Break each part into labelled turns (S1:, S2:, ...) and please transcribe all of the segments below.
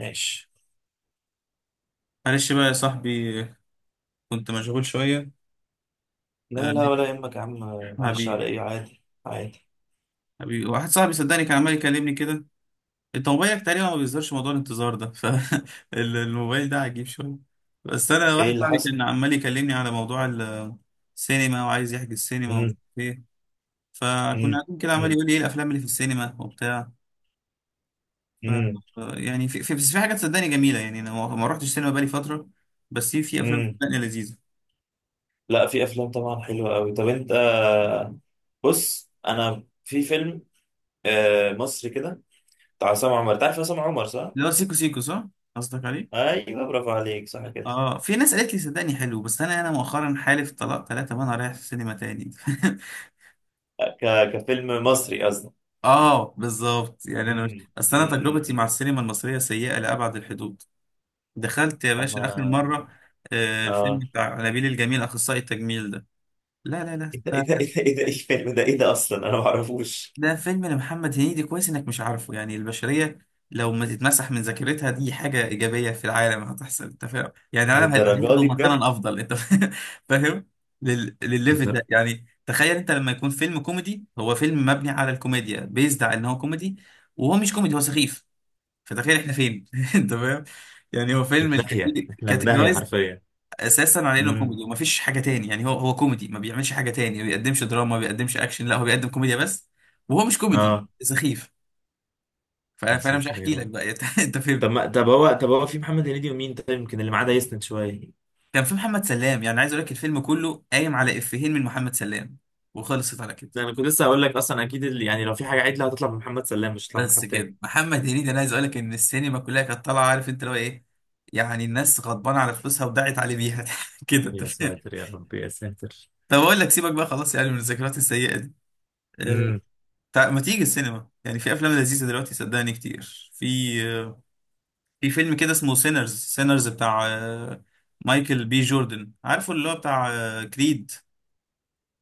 S1: ماشي.
S2: معلش بقى يا صاحبي، كنت مشغول شوية. آه،
S1: لا لا ولا يهمك يا عم. معلش،
S2: حبيبي
S1: على ايه، عادي عادي.
S2: حبيبي واحد صاحبي صدقني كان عمال يكلمني كده. انت موبايلك تقريبا ما بيظهرش موضوع الانتظار ده، فالموبايل ده عجيب شوية. بس انا
S1: ايه
S2: واحد
S1: اللي
S2: صاحبي
S1: حصل؟
S2: كان عمال يكلمني على موضوع السينما، وعايز يحجز سينما
S1: مم.
S2: وفيه. فكنا
S1: مم.
S2: قاعدين كده عمال
S1: مم.
S2: يقول لي ايه الافلام اللي في السينما وبتاع. ف
S1: مم.
S2: يعني في في- بس في حاجات صدقني جميلة، يعني انا ما رحتش سينما بقالي فترة، بس في افلام
S1: مم.
S2: صدقني لذيذة.
S1: لا، في افلام طبعا حلوه قوي. طب انت بص، انا في فيلم مصري كده بتاع عصام عمر. تعرف عصام عمر صح؟
S2: اللي هو سيكو سيكو صح، قصدك عليه.
S1: ايوه، برافو عليك، صح كده.
S2: اه، في ناس قالت لي صدقني حلو، بس انا مؤخرا حالف طلاق ثلاثة وانا رايح السينما تاني.
S1: كفيلم مصري قصدي.
S2: اه بالظبط، يعني انا مش.
S1: مم.
S2: اصل انا
S1: مم. مم.
S2: تجربتي مع
S1: مم.
S2: السينما المصرية سيئة لأبعد الحدود. دخلت يا
S1: اما
S2: باشا اخر
S1: انا.
S2: مرة آه الفيلم
S1: اه.
S2: بتاع نبيل الجميل اخصائي التجميل ده. لا لا لا
S1: ايه ده ايه ده ايه ده ايه ده، ايه الفيلم ده؟ ايه ده اصلا، انا ما اعرفوش.
S2: ده فيلم لمحمد هنيدي، كويس انك مش عارفه. يعني البشرية لو ما تتمسح من ذاكرتها دي حاجة إيجابية في العالم هتحصل، انت فاهم؟ يعني العالم هيبقى
S1: للدرجه
S2: هياخده
S1: دي بجد؟
S2: مكانا أفضل انت فاهم. لل... للليفل
S1: للدر-
S2: ده. يعني تخيل انت لما يكون فيلم كوميدي، هو فيلم مبني على الكوميديا، بيزد على ان هو كوميدي وهو مش كوميدي، هو سخيف. فتخيل احنا فين انت فاهم. يعني هو
S1: في
S2: فيلم
S1: داهيه، احنا في داهيه حرفيا.
S2: اساسا على انه
S1: امم.
S2: كوميدي ومفيش حاجه تاني. يعني هو كوميدي، ما بيعملش حاجه تاني، ما بيقدمش دراما، ما بيقدمش اكشن، لا هو بيقدم كوميديا بس، وهو مش كوميدي،
S1: اه.
S2: سخيف. ف-
S1: يا
S2: فانا مش
S1: ساتر يا
S2: هحكي لك
S1: رب.
S2: بقى، انت فهمت.
S1: طب ما طب هو طب هو في محمد هنيدي ومين طيب، يمكن اللي معاه ده يسند شويه.
S2: كان في محمد سلام، يعني عايز اقول لك الفيلم كله قايم على افيهين من محمد سلام، وخلصت على كده.
S1: ده انا كنت لسه هقول لك، اصلا اكيد اللي يعني لو في حاجه عدله هتطلع من محمد سلام، مش هتطلع من
S2: بس
S1: حد تاني.
S2: كده محمد هنيدي، انا عايز اقول لك ان السينما كلها كانت طالعه، عارف انت لو ايه؟ يعني الناس غضبانه على فلوسها ودعت عليه بيها، كده انت
S1: يا
S2: فاهم.
S1: ساتر يا رب يا ساتر.
S2: طب اقول لك سيبك بقى خلاص يعني من الذكريات السيئه دي. آه،
S1: امم.
S2: ما تيجي السينما؟ يعني في افلام لذيذه دلوقتي صدقني كتير. في في فيلم كده اسمه سينرز، سينرز بتاع مايكل بي جوردن. عارفه اللي هو بتاع كريد؟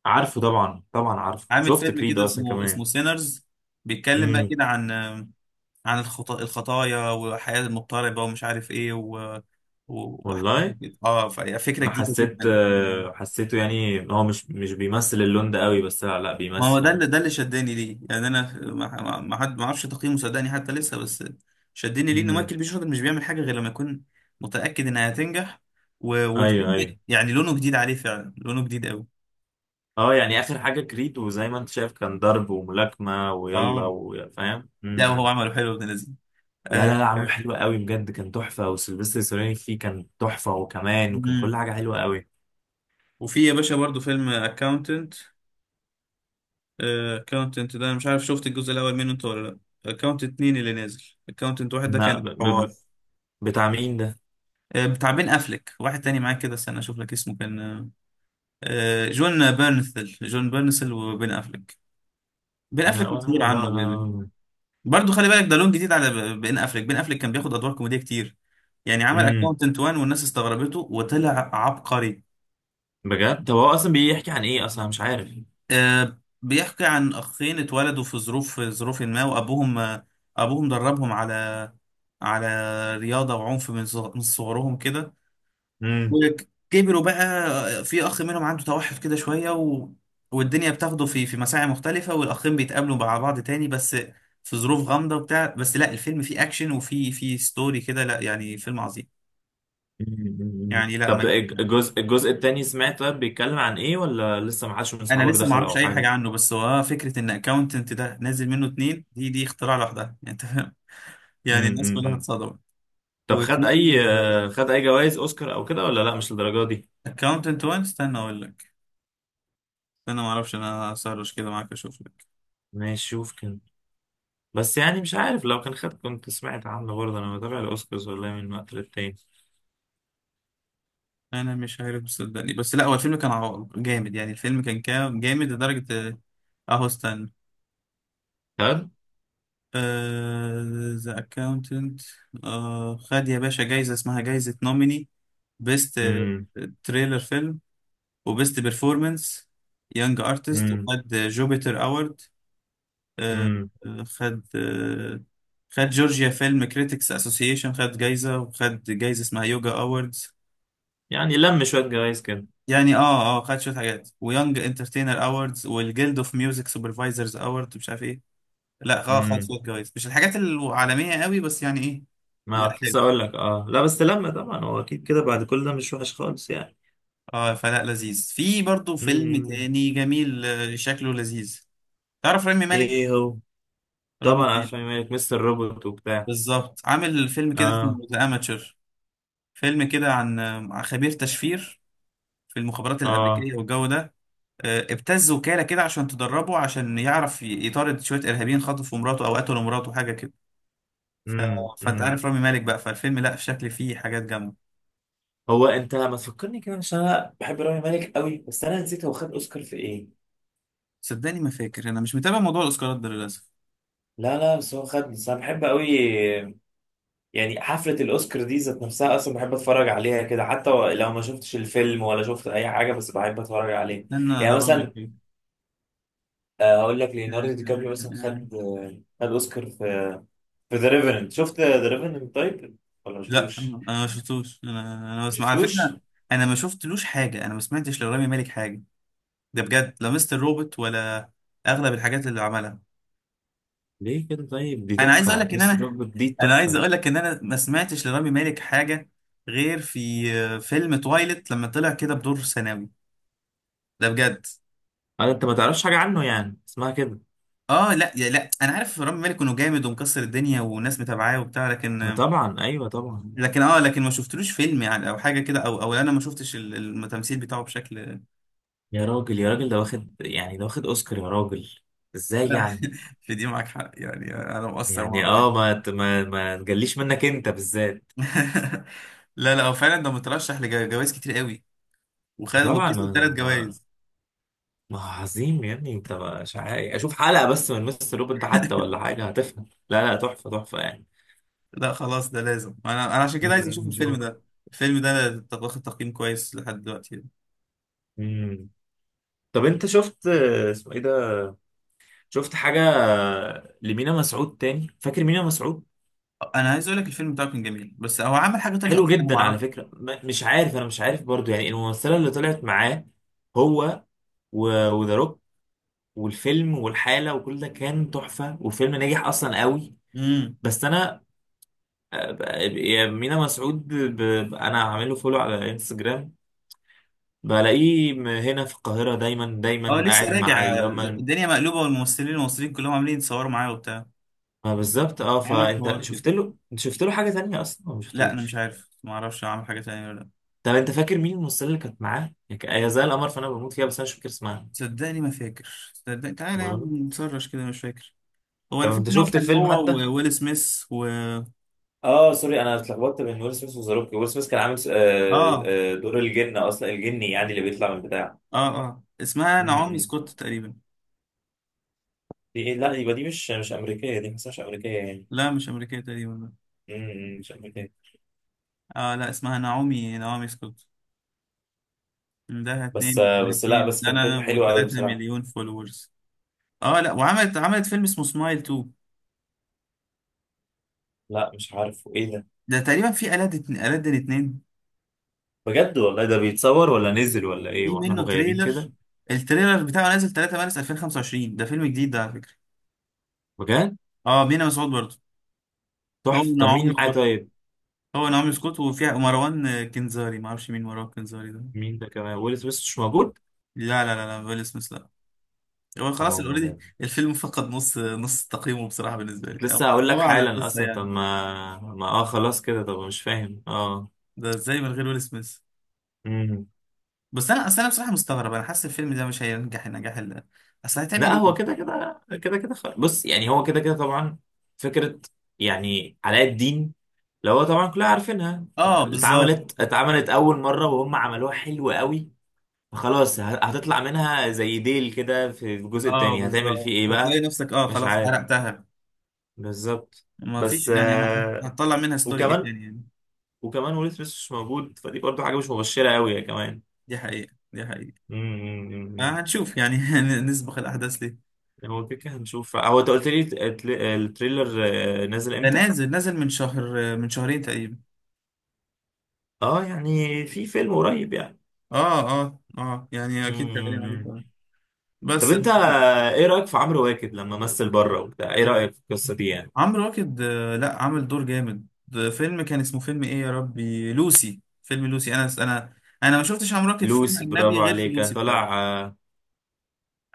S1: عارفه طبعا، طبعا عارفه،
S2: عامل
S1: شفت
S2: فيلم
S1: كريد
S2: كده
S1: اصلا
S2: اسمه
S1: كمان.
S2: سينرز، بيتكلم بقى
S1: امم.
S2: كده عن عن الخطايا والحياه المضطربه ومش عارف ايه وحاجات
S1: والله
S2: كده. اه، فهي فكره
S1: انا
S2: جديده
S1: حسيت،
S2: جدا يعني.
S1: حسيته، يعني هو مش بيمثل اللون ده قوي، بس لا لا
S2: ما هو
S1: بيمثل
S2: ده
S1: اهو.
S2: اللي شداني ليه. يعني انا ما حد، ما اعرفش تقييمه صدقني حتى لسه، بس شدني ليه ان
S1: امم.
S2: مايكل بي جوردن مش بيعمل حاجه غير لما يكون متاكد انها هتنجح. و...
S1: ايوه
S2: والفيلم
S1: ايوه.
S2: يعني لونه جديد عليه فعلا، لونه جديد قوي.
S1: اه يعني اخر حاجه كريد، وزي ما انت شايف كان ضرب وملاكمه ويلا
S2: اه
S1: وفاهم.
S2: لا، وهو
S1: امم.
S2: عمله حلو ابن لذيذ.
S1: لا لا
S2: آه.
S1: لا، عامل حلو قوي بجد، كان تحفة، وسيلفستر ستالوني فيه كان تحفة، وكمان وكان كل
S2: مم.
S1: حاجة حلوة قوي.
S2: وفي يا باشا برضو فيلم اكاونتنت. اكاونتنت ده انا مش عارف شفت الجزء الاول منه انت ولا لا. اكاونتنت اتنين اللي نازل، اكاونتنت واحد ده
S1: ما ب...
S2: كان
S1: ب...
S2: حوار
S1: ب- بتاع مين ده؟
S2: بتاع بين افلك، واحد تاني معاه كده، استنى اشوف لك اسمه كان جون بيرنثل. جون بيرنثل وبين افليك. بين افليك
S1: لا ولا
S2: كتير
S1: أعرف ده
S2: عنه
S1: ولا أعرف.
S2: برضو خلي بالك ده لون جديد على بين افليك. بين افليك كان بياخد ادوار كوميديه كتير، يعني عمل
S1: امم.
S2: اكاونتنت وان والناس استغربته وطلع عبقري.
S1: بجد؟ طب هو أصلا بيحكي عن إيه أصلا، أنا مش عارف.
S2: بيحكي عن اخين اتولدوا في ظروف ما، وابوهم ابوهم دربهم على على رياضه وعنف من من صغرهم كده،
S1: امم.
S2: وكبروا بقى. في اخ منهم عنده توحد كده شويه، و... والدنيا بتاخده في مساعي مختلفه، والاخين بيتقابلوا مع بعض تاني بس في ظروف غامضه وبتاع. بس لا الفيلم فيه اكشن وفيه ستوري كده، لا يعني فيلم عظيم.
S1: أمم.
S2: يعني لا،
S1: طب
S2: ما
S1: الجزء الجزء التاني سمعت؟ طيب بيتكلم عن إيه ولا لسه ما حدش من
S2: انا
S1: أصحابك
S2: لسه ما
S1: دخلوا
S2: اعرفش
S1: أو
S2: اي
S1: حاجة؟
S2: حاجه عنه، بس هو فكره ان اكاونتنت ده نازل منه اتنين دي اختراع لوحدها، يعني انت فاهم. يعني
S1: امم.
S2: الناس كلها
S1: أمم.
S2: اتصدمت.
S1: طب خد
S2: وفي
S1: أي خد أي جوائز أوسكار أو كده ولا لا مش للدرجة دي؟
S2: اكاونتنت 1، استنى اقول لك، استنى، ما اعرفش، انا هسرش كده معاك اشوف لك.
S1: ماشي شوف كده. بس يعني مش عارف، لو كان خد كنت سمعت عنه برضه، انا بتابع الاوسكارز والله من وقت للتاني.
S2: انا مش عارف صدقني، بس لا هو الفيلم كان جامد، يعني الفيلم كان جامد لدرجة. اهو استنى،
S1: خد.
S2: ذا اكاونتنت. خد يا باشا جايزة اسمها جايزة نوميني بيست
S1: امم.
S2: تريلر فيلم، وبيست بيرفورمانس يونج ارتست،
S1: امم.
S2: وخد جوبيتر اوورد،
S1: امم.
S2: خد خد جورجيا فيلم كريتكس اسوسيشن خد جايزة، وخد جايزة اسمها يوجا اووردز.
S1: يعني لم شويه جوائز كده.
S2: يعني اه اه خد شويه حاجات، ويونج انترتينر اووردز، والجيلد اوف ميوزك سوبرفايزرز اوورد مش عارف ايه. لا اه خد
S1: امم.
S2: شويه جوايز، مش الحاجات العالميه قوي، بس يعني ايه.
S1: ما
S2: لا
S1: كنت
S2: حلو.
S1: لسه اقول لك، اه لا بس لم طبعا، هو اكيد كده بعد كل ده مش وحش خالص يعني.
S2: اه فلا، لذيذ. في برضو فيلم
S1: امم.
S2: تاني جميل شكله لذيذ. تعرف رامي مالك؟
S1: ايه هو؟
S2: رامي
S1: طبعا،
S2: مالك
S1: عشان مالك مستر روبوت وبتاع.
S2: بالظبط. عامل فيلم كده اسمه
S1: اه.
S2: ذا اماتشر، فيلم كده عن عن خبير تشفير في المخابرات
S1: اه.
S2: الامريكيه والجو ده. ابتز وكاله كده عشان تدربه عشان يعرف يطارد شويه ارهابيين خطفوا مراته او قتلوا مراته حاجه كده. ف...
S1: امم.
S2: فانت
S1: امم.
S2: عارف رامي مالك بقى. فالفيلم لا شكل فيه حاجات جامده.
S1: هو انت ما تفكرني كده، عشان انا بحب رامي مالك قوي، بس انا نسيت هو خد اوسكار في ايه.
S2: صدقني ما فاكر، انا مش متابع موضوع الاوسكارات ده للاسف.
S1: لا لا، بس هو خد، بس انا بحب قوي. يعني حفلة الأوسكار دي ذات نفسها أصلا بحب أتفرج عليها كده، حتى لو ما شفتش الفيلم ولا شفت أي حاجة، بس بحب أتفرج عليه.
S2: انا
S1: يعني
S2: ادور لك
S1: مثلا،
S2: ايه.
S1: أقول لك ليوناردو دي كابريو مثلا خد خد أوسكار في، في ذا ريفننت. شفت ذا ريفننت طيب ولا ما
S2: لا
S1: شفتوش؟
S2: انا ما شفتوش، انا انا
S1: ما
S2: بسمع على فكره.
S1: شفتوش؟
S2: انا ما شفتلوش حاجه، انا ما سمعتش لرامي مالك حاجه، ده بجد، لا مستر روبوت ولا اغلب الحاجات اللي عملها.
S1: ليه كده طيب؟ دي
S2: انا عايز اقول
S1: تحفة
S2: لك ان
S1: مستر
S2: انا
S1: روبوت، دي
S2: انا عايز
S1: تحفة.
S2: اقول لك ان انا ما سمعتش لرامي مالك حاجه غير في فيلم تويلت لما طلع كده بدور ثانوي، ده بجد.
S1: أنا أنت ما تعرفش حاجة عنه يعني اسمها كده.
S2: اه لا يا لا، انا عارف رامي مالك انه جامد ومكسر الدنيا وناس متابعاه وبتاع،
S1: ما
S2: لكن،
S1: طبعا، أيوه طبعا.
S2: لكن ما شفتلوش فيلم يعني، او حاجه كده، او او انا ما شفتش التمثيل بتاعه بشكل.
S1: يا راجل يا راجل، ده واخد يعني ده واخد أوسكار يا راجل. إزاي
S2: لا،
S1: يعني؟
S2: في دي معاك حق، يعني انا مقصر مع
S1: يعني
S2: الراجل.
S1: اه، ما ت- ما ما تجليش منك انت بالذات.
S2: لا لا هو فعلا ده مترشح لجوائز كتير قوي،
S1: طبعا
S2: وكسب
S1: ما
S2: ثلاث
S1: ما,
S2: جوائز
S1: ما عظيم يا ابني، انت مش عارف، اشوف حلقه بس من مستر روب انت حتى ولا حاجه هتفهم. لا لا، تحفه تحفه يعني.
S2: لا خلاص ده لازم، انا عشان كده عايز اشوف الفيلم
S1: شوف.
S2: ده. الفيلم ده واخد تقييم كويس لحد دلوقتي.
S1: امم. طب انت شفت اسمه ايه ده، شفت حاجه لمينا مسعود تاني؟ فاكر مينا مسعود؟
S2: انا عايز اقول لك الفيلم بتاعه كان جميل، بس هو عمل حاجه تانية اصلا
S1: حلو
S2: انا
S1: جدا على
S2: ما
S1: فكره، مش عارف، انا مش عارف برضو يعني الممثله اللي طلعت معاه، هو وذا روك والفيلم والحاله وكل ده كان تحفه، والفيلم نجح اصلا قوي.
S2: اعرفها.
S1: بس انا يا مينا مسعود، انا عامل له فولو على انستجرام، بلاقيه هنا في القاهرة دايما
S2: اه
S1: دايما
S2: لسه
S1: قاعد مع
S2: راجع
S1: اللي هم
S2: الدنيا مقلوبه، والممثلين المصريين كلهم عاملين يتصوروا معايا وبتاع.
S1: ما بالظبط. اه،
S2: عمل
S1: فانت
S2: حوار كده،
S1: شفت له، انت شفت له حاجة تانية اصلا ولا ما
S2: لا انا مش
S1: شفتوش؟
S2: عارف، ما اعرفش عمل حاجه تانية ولا لا.
S1: طب انت فاكر مين الممثلة اللي كانت معاه؟ يعني هي زي القمر، فانا بموت فيها بس انا مش فاكر اسمها.
S2: صدقني ما فاكر، صدقني تعالى يا
S1: برضه.
S2: عم نسرش كده، مش فاكر. هو
S1: طب
S2: انا فاكر
S1: انت
S2: ان هو
S1: شفت
S2: كان
S1: الفيلم
S2: هو
S1: حتى؟
S2: وويل سميث و
S1: اه سوري، انا اتلخبطت بين ويل سميث وذا روك. ويل سميث كان عامل
S2: اه
S1: دور الجن اصلا، الجني يعني اللي بيطلع من بتاع.
S2: اه اسمها
S1: م-
S2: نعومي
S1: م.
S2: سكوت تقريبا.
S1: دي ايه؟ لا يبقى دي مش مش امريكية، دي ما اسمهاش امريكية يعني.
S2: لا مش امريكيه تقريبا.
S1: شكله كده.
S2: اه لا اسمها نعومي، نعومي سكوت. عندها
S1: بس بس، لا
S2: 32
S1: بس كان
S2: سنه
S1: فيلم حلو قوي
S2: و3
S1: بصراحة.
S2: مليون فولورز. اه لا، وعملت، عملت فيلم اسمه سمايل 2،
S1: لا مش عارف ايه ده.
S2: ده تقريبا في ألاد اتنين.
S1: بجد والله، ده بيتصور ولا نزل ولا ايه
S2: في
S1: واحنا
S2: منه
S1: مغيبين
S2: تريلر،
S1: كده؟
S2: التريلر بتاعه نازل 3 مارس 2025، ده فيلم جديد ده على فكرة.
S1: بجد؟
S2: اه بينا مسعود برضه. هو
S1: تحفة. طب
S2: نعومي
S1: مين معاه
S2: سكوت،
S1: طيب؟
S2: هو نعومي سكوت وفيها مروان كنزاري، ما اعرفش مين مروان كنزاري ده.
S1: مين ده كمان؟ ويل سميث مش موجود؟
S2: لا لا لا لا ويل سميث لا. هو خلاص
S1: حرام
S2: اوريدي
S1: والله.
S2: الفيلم فقد نص تقييمه بصراحة بالنسبة
S1: كنت
S2: لي.
S1: لسه هقول لك
S2: الله اعلم
S1: حالا
S2: لسه
S1: اصلا، طب
S2: يعني،
S1: ما ما اه، خلاص كده طب، مش فاهم اه.
S2: ده ازاي من غير ويل سميث؟
S1: امم.
S2: بس انا اصل انا بصراحة مستغرب، انا حاسس الفيلم ده مش هينجح النجاح اللي، اصل هتعمل
S1: لا
S2: ايه.
S1: هو كده كده كده كده بص، يعني هو كده كده طبعا، فكرة يعني علاء الدين اللي هو طبعا كلنا عارفينها،
S2: اه بالظبط،
S1: اتعملت اتعملت أول مرة وهم عملوها حلو قوي، فخلاص هتطلع منها زي ديل كده، في الجزء
S2: اه
S1: التاني هتعمل فيه
S2: بالظبط،
S1: ايه
S2: هتلاقي
S1: بقى.
S2: نفسك اه
S1: مش
S2: خلاص
S1: عارف.
S2: حرقتها.
S1: بالظبط.
S2: ما فيش
S1: بس
S2: يعني، هتطلع منها ستوري ايه
S1: وكمان،
S2: تاني يعني.
S1: وكمان ويل سميث مش موجود، فدي برضو حاجة مش مبشرة قوي يا كمان.
S2: دي حقيقة، دي حقيقة. آه
S1: امم.
S2: هنشوف يعني، نسبق الأحداث ليه.
S1: هو كده كده هنشوف. هو انت قلت لي التريلر نازل
S2: ده
S1: امتى؟
S2: نازل، نازل من شهر، من شهرين تقريبا.
S1: اه يعني في فيلم قريب يعني.
S2: اه يعني اكيد شغالين عليه
S1: مم.
S2: فعلا.
S1: طب
S2: بس
S1: انت ايه رأيك في عمرو واكد لما مثل بره وبتاع، ايه رأيك في القصة دي يعني؟
S2: عمرو واكد لا عامل دور جامد، ده فيلم كان اسمه فيلم ايه يا ربي، لوسي، فيلم لوسي. انا ما شفتش عمرو واكد في فيلم
S1: لوسي،
S2: اجنبي
S1: برافو
S2: غير في
S1: عليك، كان
S2: لوسي بصراحة.
S1: طالع آه،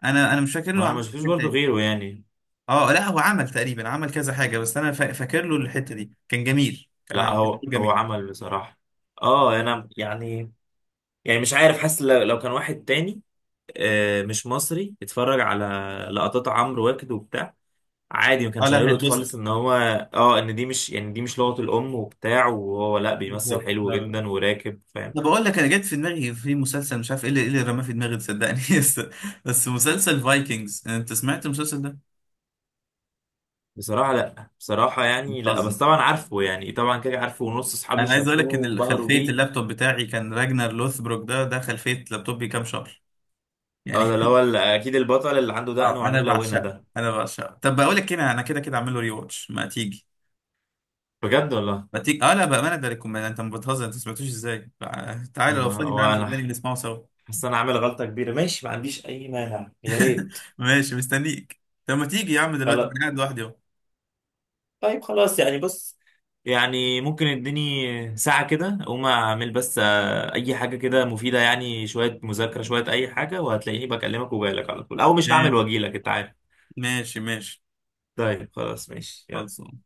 S2: انا مش فاكر
S1: ما
S2: له
S1: انا ما
S2: عمل
S1: شفتوش
S2: حاجة
S1: برضو
S2: تاني.
S1: غيره يعني.
S2: اه لا هو عمل تقريبا، عمل كذا حاجة، بس انا فاكر له الحتة دي، كان جميل، كان
S1: لا
S2: عامل، كان
S1: هو
S2: دور
S1: هو
S2: جميل.
S1: عمل بصراحة، اه انا يعني، يعني مش عارف، حاسس لو لو كان واحد تاني مش مصري اتفرج على لقطات عمرو واكد وبتاع، عادي ما
S2: اه
S1: كانش
S2: لا
S1: هيلقط
S2: هيتبسط.
S1: خالص ان هو، اه ان دي مش يعني دي مش لغة الام وبتاع، وهو لا بيمثل
S2: بالظبط.
S1: حلو
S2: لا لا لا.
S1: جدا وراكب فاهم.
S2: انا بقول لك، انا جت في دماغي في مسلسل مش عارف ايه اللي، إيه اللي رماه في دماغي صدقني، بس مسلسل فايكنجز، انت سمعت المسلسل ده؟
S1: بصراحة لا، بصراحة يعني لا،
S2: بتهزر.
S1: بس طبعا عارفه، يعني طبعا كده عارفه ونص اصحابي
S2: انا عايز اقول لك
S1: شافوه
S2: ان
S1: وانبهروا
S2: خلفيه
S1: بيه.
S2: اللابتوب بتاعي كان راجنر لوثبروك، ده ده خلفيه لابتوبي كام شهر يعني.
S1: اه ده اللي هو اكيد البطل اللي عنده دقن
S2: اه
S1: وعينيه
S2: انا
S1: ملونة
S2: بعشقه،
S1: ده.
S2: انا بعشقه. طب بقول لك كده، انا كده اعمل له ري واتش، ما تيجي،
S1: بجد والله.
S2: ما تيجي. اه لا بامانه ده ريكومند، انت ما بتهزر، انت ما سمعتوش ازاي. تعالى لو
S1: ما
S2: فاضي، تعالى
S1: وانا
S2: صدقني نسمعه سوا.
S1: حاسس إن انا عامل غلطة كبيرة. ماشي، ما عنديش اي مانع، يا ريت.
S2: ماشي مستنيك. طب ما تيجي يا عم دلوقتي
S1: خلاص.
S2: انا قاعد لوحدي اهو.
S1: طيب خلاص يعني، بص، يعني ممكن اديني ساعة كده اقوم اعمل بس اي حاجة كده مفيدة، يعني شوية مذاكرة شوية اي حاجة، وهتلاقيني بكلمك وجايلك على طول، او مش هعمل واجيلك، انت عارف.
S2: ماشي ماشي.
S1: طيب خلاص ماشي يلا.
S2: خلص